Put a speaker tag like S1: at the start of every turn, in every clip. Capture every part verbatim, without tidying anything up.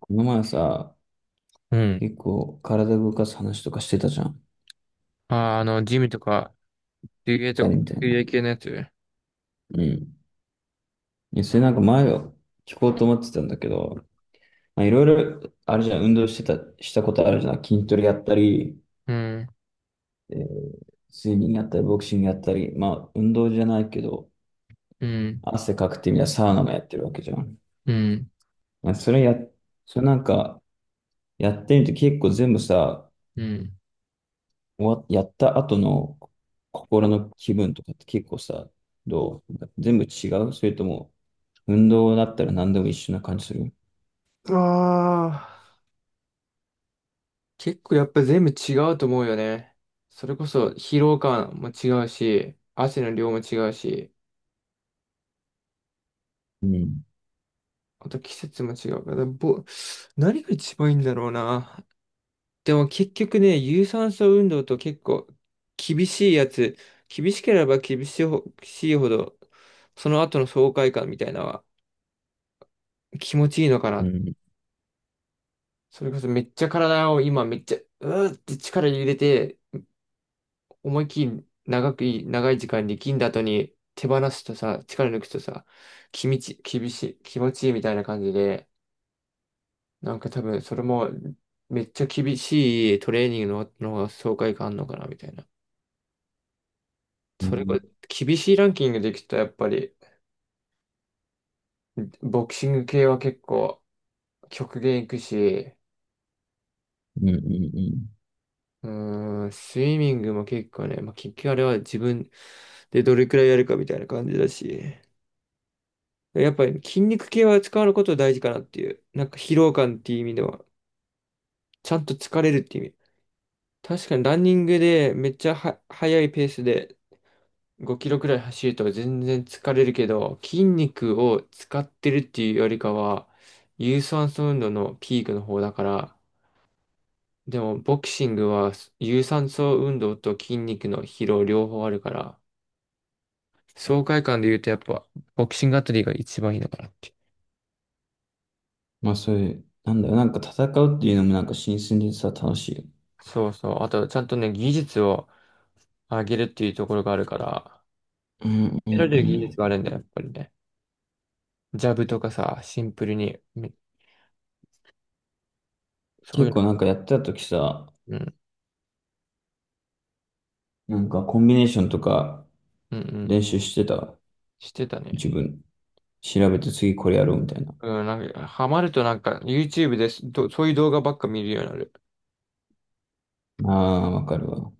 S1: この前さ、
S2: うん。
S1: 結構体動かす話とかしてたじゃん。
S2: あー、あの、ジムとか、水泳
S1: 二
S2: とか、
S1: 人みたい
S2: 水
S1: な。
S2: 泳系のやつ。
S1: うん。いや、それなんか前を聞こうと思ってたんだけど、まあ、いろいろ、あれじゃん、運動してた、したことあるじゃん。筋トレやったり、
S2: うん、
S1: えー、スイミングやったり、ボクシングやったり、まあ、運動じゃないけど、
S2: うん、
S1: 汗かくってみたらサウナもやってるわけじゃん。
S2: うん、
S1: まあ、それや、それなんか、やってみて結構全部さ、
S2: うん。
S1: 終わやった後の心の気分とかって結構さ、どう全部違うそれとも、運動だったら何でも一緒な感じする。
S2: ああ、結構やっぱ全部違うと思うよね。それこそ疲労感も違うし、汗の量も違うし、
S1: うん。
S2: あと季節も違うから、ぼ、何が一番いいんだろうな。でも結局ね、有酸素運動と結構厳しいやつ、厳しければ厳しいほ、しいほど、その後の爽快感みたいなのは気持ちいいのか
S1: う
S2: な。
S1: ん。
S2: それこそめっちゃ体を今めっちゃ、うーって力入れて、思いっきり長くい、長い時間力んだ後に手放すとさ、力抜くとさ、気持ち、厳しい、気持ちいいみたいな感じで、なんか多分それもめっちゃ厳しいトレーニングの、の方が爽快感あるのかなみたいな。
S1: う
S2: それこ
S1: ん。
S2: そ厳しいランキングでいくとやっぱり、ボクシング系は結構極限いくし、
S1: うん。うんうん
S2: うーん、スイミングも結構ね、まあ、結局あれは自分でどれくらいやるかみたいな感じだし、やっぱり筋肉系は使うこと大事かなっていう、なんか疲労感っていう意味では、ちゃんと疲れるっていう意味。確かにランニングでめっちゃは速いペースでごキロくらい走ると全然疲れるけど、筋肉を使ってるっていうよりかは、有酸素運動のピークの方だから、でもボクシングは有酸素運動と筋肉の疲労両方あるから、爽快感で言うとやっぱ、ボクシングあたりが一番いいのかなって。
S1: まあそういう、なんだろう、なんか戦うっていうのもなんか新鮮でさ、楽しい。
S2: そうそう。あと、ちゃんとね、技術を上げるっていうところがあるから、
S1: うんう
S2: 得
S1: ん
S2: られる技
S1: う
S2: 術
S1: ん。
S2: があるんだよ、やっぱりね。ジャブとかさ、シンプルに、めそうい
S1: 結
S2: う
S1: 構なんかやってた時さ、
S2: の、うん、
S1: なんかコンビネーションとか
S2: うん、うん、
S1: 練習してた。
S2: してた
S1: 自
S2: ね。
S1: 分。調べて次これやろうみたいな。
S2: うん、なんか、ハマるとなんか、YouTube です、どそういう動画ばっか見るようになる。
S1: ああ、わかるわ。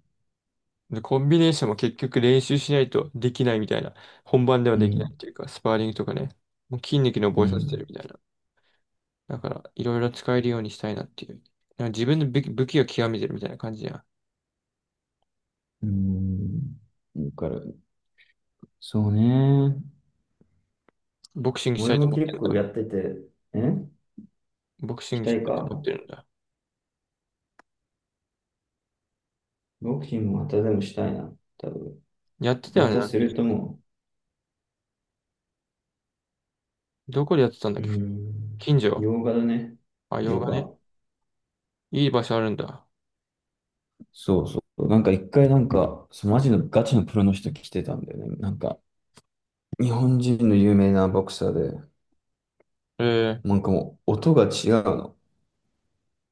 S2: で、コンビネーションも結局練習しないとできないみたいな。本番では
S1: う
S2: できない
S1: ん。
S2: っていうか、スパーリングとかね。もう筋肉に
S1: う
S2: 覚えさせて
S1: ん。
S2: るみたいな。だから、いろいろ使えるようにしたいなっていう。なんか自分の武器武器を極めてるみたいな感じや。
S1: うん。わかる。そうね。
S2: ボクシングした
S1: 俺
S2: いと
S1: も
S2: 思って
S1: 結
S2: るん
S1: 構
S2: だ。
S1: やってて、え
S2: ボクシ
S1: し
S2: ング
S1: た
S2: し
S1: い
S2: たいと
S1: か
S2: 思ってるんだ。
S1: ボクシングまたでもしたいな。多分。
S2: やってた
S1: ま
S2: よね、
S1: た
S2: なんか、
S1: するとも
S2: どこでやってたんだっ
S1: う、うー
S2: け。
S1: ん、
S2: 近所。
S1: 洋画だね。
S2: あ、洋
S1: 洋
S2: 画ね。
S1: 画。
S2: いい場所あるんだ。
S1: そうそう。なんか一回なんか、そうマジのガチのプロの人来てたんだよね。なんか、日本人の有名なボクサーで、
S2: ええ。
S1: なんかもう音が違うの。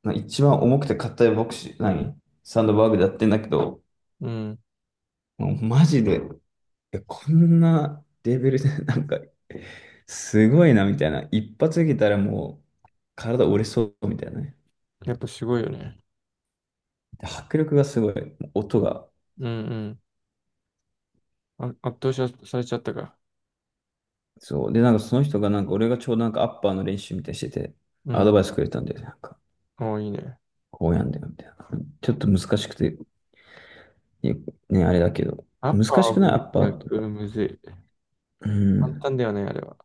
S1: な一番重くて硬いボクシー、何サンドバーグでやってんだけど、
S2: うん。
S1: もうマジで、いやこんなレベルで、なんか、すごいなみたいな。一発受けたらもう、体折れそうみたいなね。
S2: やっぱすごいよね。
S1: で迫力がすごい、音が。
S2: うんうん。あ、圧倒しされちゃったか。
S1: そう。で、なんかその人が、なんか俺がちょうどなんかアッパーの練習みたいにしてて、
S2: う
S1: アド
S2: ん。
S1: バイスくれたんで、なんか、
S2: おーいいね。
S1: こうやんだよ、みたいな。ちょっと難しくて、いやね、あれだけど。
S2: アッパー
S1: 難
S2: は
S1: しくない
S2: む
S1: ア
S2: ず
S1: ッ
S2: い
S1: パ
S2: な、
S1: ーと
S2: う
S1: か。
S2: んむずい。
S1: う
S2: 簡
S1: ん。
S2: 単だよね、あれは。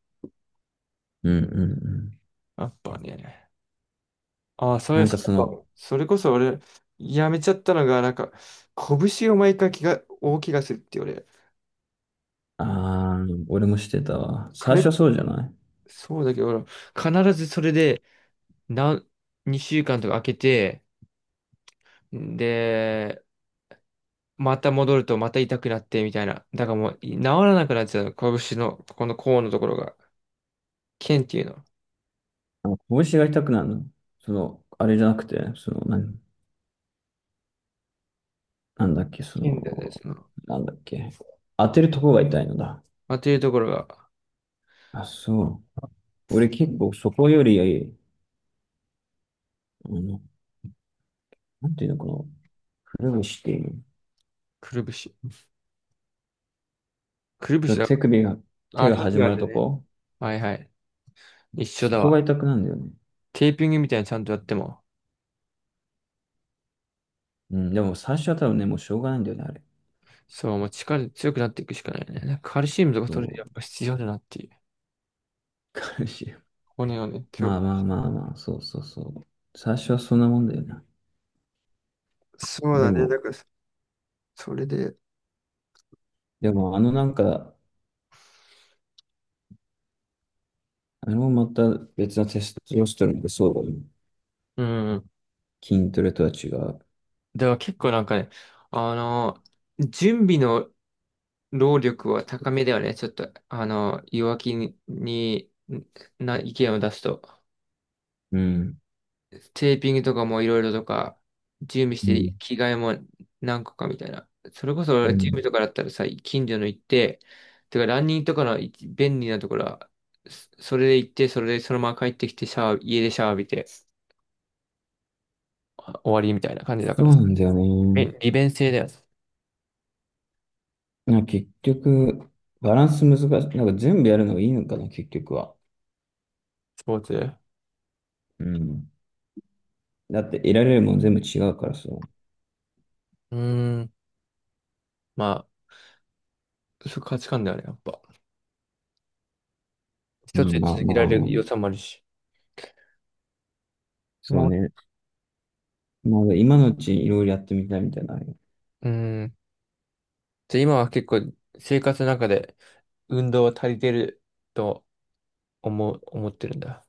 S1: うんうんうん。
S2: アッパーね。ああ、それ、
S1: なん
S2: そ
S1: かその、
S2: それこそ俺、やめちゃったのが、なんか、拳を毎回気が、大怪我するって俺、
S1: あー、俺もしてたわ。最
S2: 彼、
S1: 初はそうじゃない
S2: そうだけど、俺必ずそれで、なん、にしゅうかんとか空けて、で、また戻るとまた痛くなってみたいな。だからもう、治らなくなっちゃうの。拳の、ここの甲のところが、腱っていうの。
S1: あの拳が痛くなるの。その、あれじゃなくて、その、なんなんだっけ、そ
S2: 腱だよね、
S1: の、
S2: その。
S1: なんだっけ。当てるとこが痛いのだ。
S2: まあ、というところが、
S1: あ、そう。俺結構そこより、あの、なんていうのかな、くるぶしっていう
S2: くるぶし。くるぶし
S1: の。
S2: だ。
S1: 手首が、
S2: あ
S1: 手
S2: あ、
S1: が
S2: タイ
S1: 始
S2: ガ
S1: ま
S2: ー
S1: る
S2: で
S1: と
S2: ね。
S1: こ、
S2: はいはい。一緒
S1: そ
S2: だ
S1: こが
S2: わ。
S1: 痛くなるんだよね。
S2: テーピングみたいにちゃんとやっても。
S1: うん、でも最初は多分ね、もうしょうがないんだよね、あれ。
S2: そう、もう力強くなっていくしかないね。なんかカルシウムとか取れて
S1: そう、
S2: やっぱ必要だなっていう。
S1: 彼氏。
S2: 骨をね、強
S1: まあ
S2: く。
S1: まあまあまあ、そうそうそう。最初はそんなもんだよな
S2: そう
S1: で
S2: だね。だ
S1: も、
S2: から、それで、
S1: でもあのなんか、あのまた別のテストロステロンってそうだよね。
S2: うん。
S1: 筋トレとは違う。
S2: だから結構なんかね、あの、準備の労力は高めではね。ちょっと、あの、弱気に、にな意見を出すと。
S1: うん。
S2: テーピングとかもいろいろとか、準備し
S1: う
S2: て、
S1: ん。
S2: 着替えも何個かみたいな。それこそ
S1: う
S2: 準
S1: ん。
S2: 備とかだったらさ、近所の行って、てかランニングとかの一便利なところは、そそれで行って、それでそのまま帰ってきて、シャワー、家でシャワー浴びて、あ終わりみたいな感じだか
S1: そ
S2: ら
S1: う
S2: さ。
S1: なんだよね。
S2: え、利便性だよね、
S1: なんか結局、バランス難しい。なんか全部やるのがいいのかな、結局は。
S2: スポーツ。う
S1: うん。だって得られるもん全部違うからさ。
S2: ーん、まあ、そう価値観だよね、やっぱ。一
S1: ま
S2: つ
S1: あ
S2: で
S1: まあ
S2: 続け
S1: ま
S2: ら
S1: あ
S2: れ
S1: ま
S2: る良さ
S1: あ、
S2: もあるし。
S1: そう
S2: も
S1: ね。まだ今のうちにいろいろやってみたいみたいなのあるよ。
S2: う、うーん。じゃあ今は結構生活の中で運動は足りてると思う、思ってるんだ。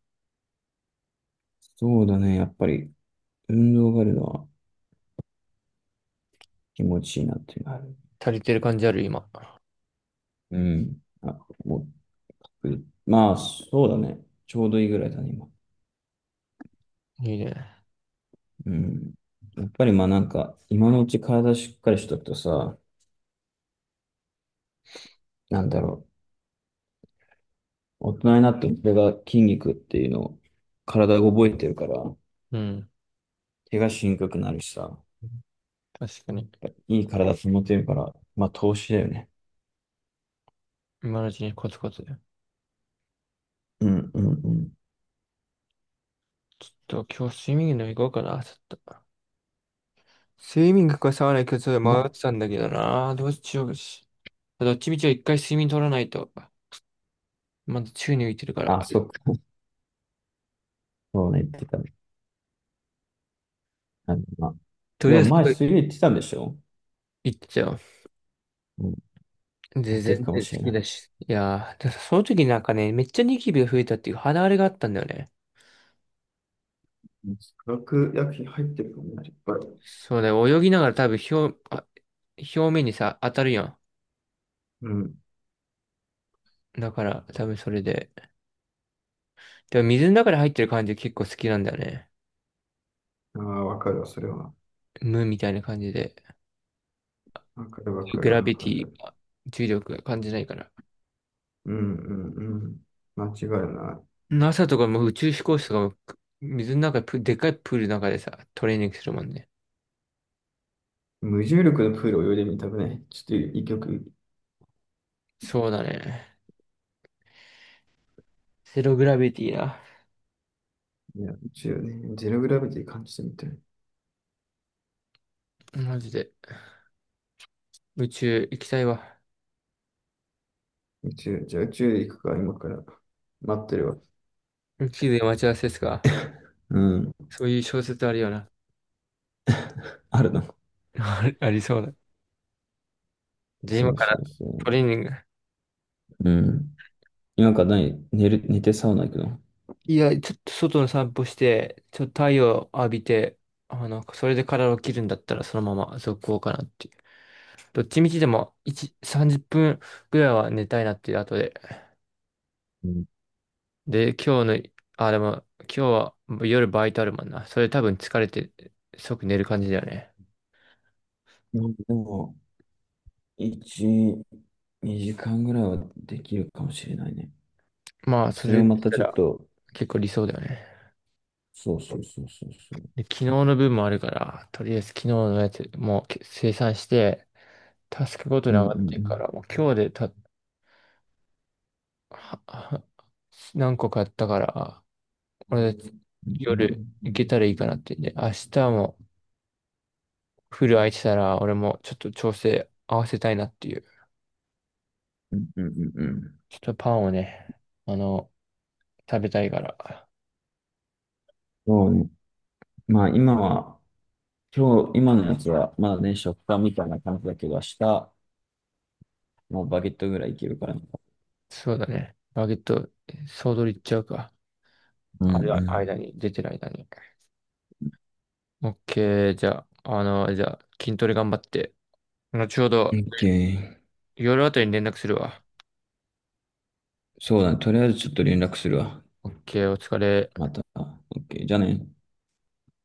S1: そうだね。やっぱり運動があるのは気持ちいいなっていうのはある。
S2: 足りてる感じある、今。
S1: うん。あ、もう、まあ、そうだね。ちょうどいいぐらいだね、今。
S2: いいね。
S1: うん。やっぱりまあなんか、今のうち体しっかりしとくとさ、なんだろう。大人になってもそれが筋肉っていうのを体が覚えてるから、
S2: うん。
S1: 怪我しにくくなるしさ、
S2: 確かに。
S1: いい体保てるから、まあ投資だよね。
S2: 今のうちにコツコツ。ち
S1: うんうんうん。
S2: ょっと今日スイミングでも行こうかな、ちょっと。スイミングかサウナ行くかちょっと迷っ
S1: ま、
S2: てたんだけどな。どうしようし。どっちみちは一回睡眠取らないと。まだ宙に浮いてるから。
S1: あ、そっか。そうね、言ってたね。あのまあ、
S2: と
S1: で
S2: りあ
S1: も
S2: えず
S1: 前
S2: 外
S1: 水泳言ってたんでしょ？
S2: 行っちゃう。
S1: うん。持
S2: で、
S1: っていく
S2: 全
S1: かも
S2: 然好
S1: しれ
S2: き
S1: ない
S2: だし。いやー、ただその時なんかね、めっちゃニキビが増えたっていう肌荒れがあったんだよね。
S1: な。化学薬品入ってるかもね、いっぱい。
S2: そうだよ、泳ぎながら多分表、あ、表面にさ、当たるやん。
S1: うん。
S2: だから、多分それで。でも水の中に入ってる感じ結構好きなんだよね。
S1: ああ、わかるわ、それは。
S2: 無みたいな感じで。
S1: わかるわか
S2: グ
S1: る
S2: ラ
S1: わ
S2: ビ
S1: か
S2: ティ
S1: る。
S2: 重力が感じないから。
S1: うんうんうん。間違いない。
S2: NASA とかも宇宙飛行士とかも、水の中でプ、でっかいプールの中でさ、トレーニングするもんね。
S1: 無重力のプール泳いでみたくね。ちょっと一曲。
S2: そうだね。ゼログラビティな。
S1: いや、宇宙ね、ゼログラビティ感じてみたい。
S2: マジで。宇宙行きたいわ。
S1: 宇宙、じゃあ宇宙行くか、今から待ってるわ。
S2: 宇宙で待ち合わせですか。
S1: うん。
S2: そういう小説あるよな。
S1: あるな。
S2: ありそうだ。じゃあ
S1: そ
S2: 今
S1: う
S2: か
S1: そ
S2: ら
S1: うそ
S2: トレーニング。
S1: う。うん。今から何寝る、寝てサウナ行くの？
S2: いや、ちょっと外の散歩して、ちょっと太陽浴びて、あの、それで体を切るんだったらそのまま続行かなっていう。どっちみちでもいち、さんじゅっぷんぐらいは寝たいなっていう後で。
S1: うん、
S2: で、今日の、あ、でも今日は夜バイトあるもんな。それ多分疲れて即寝る感じだよね。
S1: なんかでも、いち、にじかんぐらいはできるかもしれないね。
S2: まあ、そ
S1: それ
S2: れ
S1: をま
S2: でし
S1: た
S2: た
S1: ちょっ
S2: ら
S1: と、
S2: 結構理想だよね。
S1: そうそうそうそうそう。
S2: で、昨日の分もあるから、とりあえず昨日のやつもう生産して、タスクごと
S1: う
S2: に
S1: んう
S2: 上が
S1: ん
S2: ってる
S1: う
S2: か
S1: ん
S2: ら、もう今日でたはは何個買ったから、俺、
S1: う
S2: 夜
S1: ん
S2: 行けたらいいかなってんで、明日もフル空いてたら、俺もちょっと調整合わせたいなっていう。
S1: うんうんうんうんうん。
S2: ちょっとパンをね、あの、食べたいから。
S1: そうね。まあ今は、今日、今のやつはまだね、食感みたいな感じだけど、明日、もうバゲットぐらいいけるからな。
S2: そうだね。バゲット、総取りいっちゃうか。
S1: う
S2: あれ
S1: ん
S2: は間
S1: う
S2: に、出てる間に。オッケー、じゃあ、あの、じゃあ、筋トレ頑張って。後ほ
S1: ん。
S2: ど、
S1: OK。
S2: 夜あたりに連絡するわ。
S1: そうだね。とりあえずちょっと連絡するわ。
S2: オッケー、お疲れ。
S1: また。OK。じゃあね。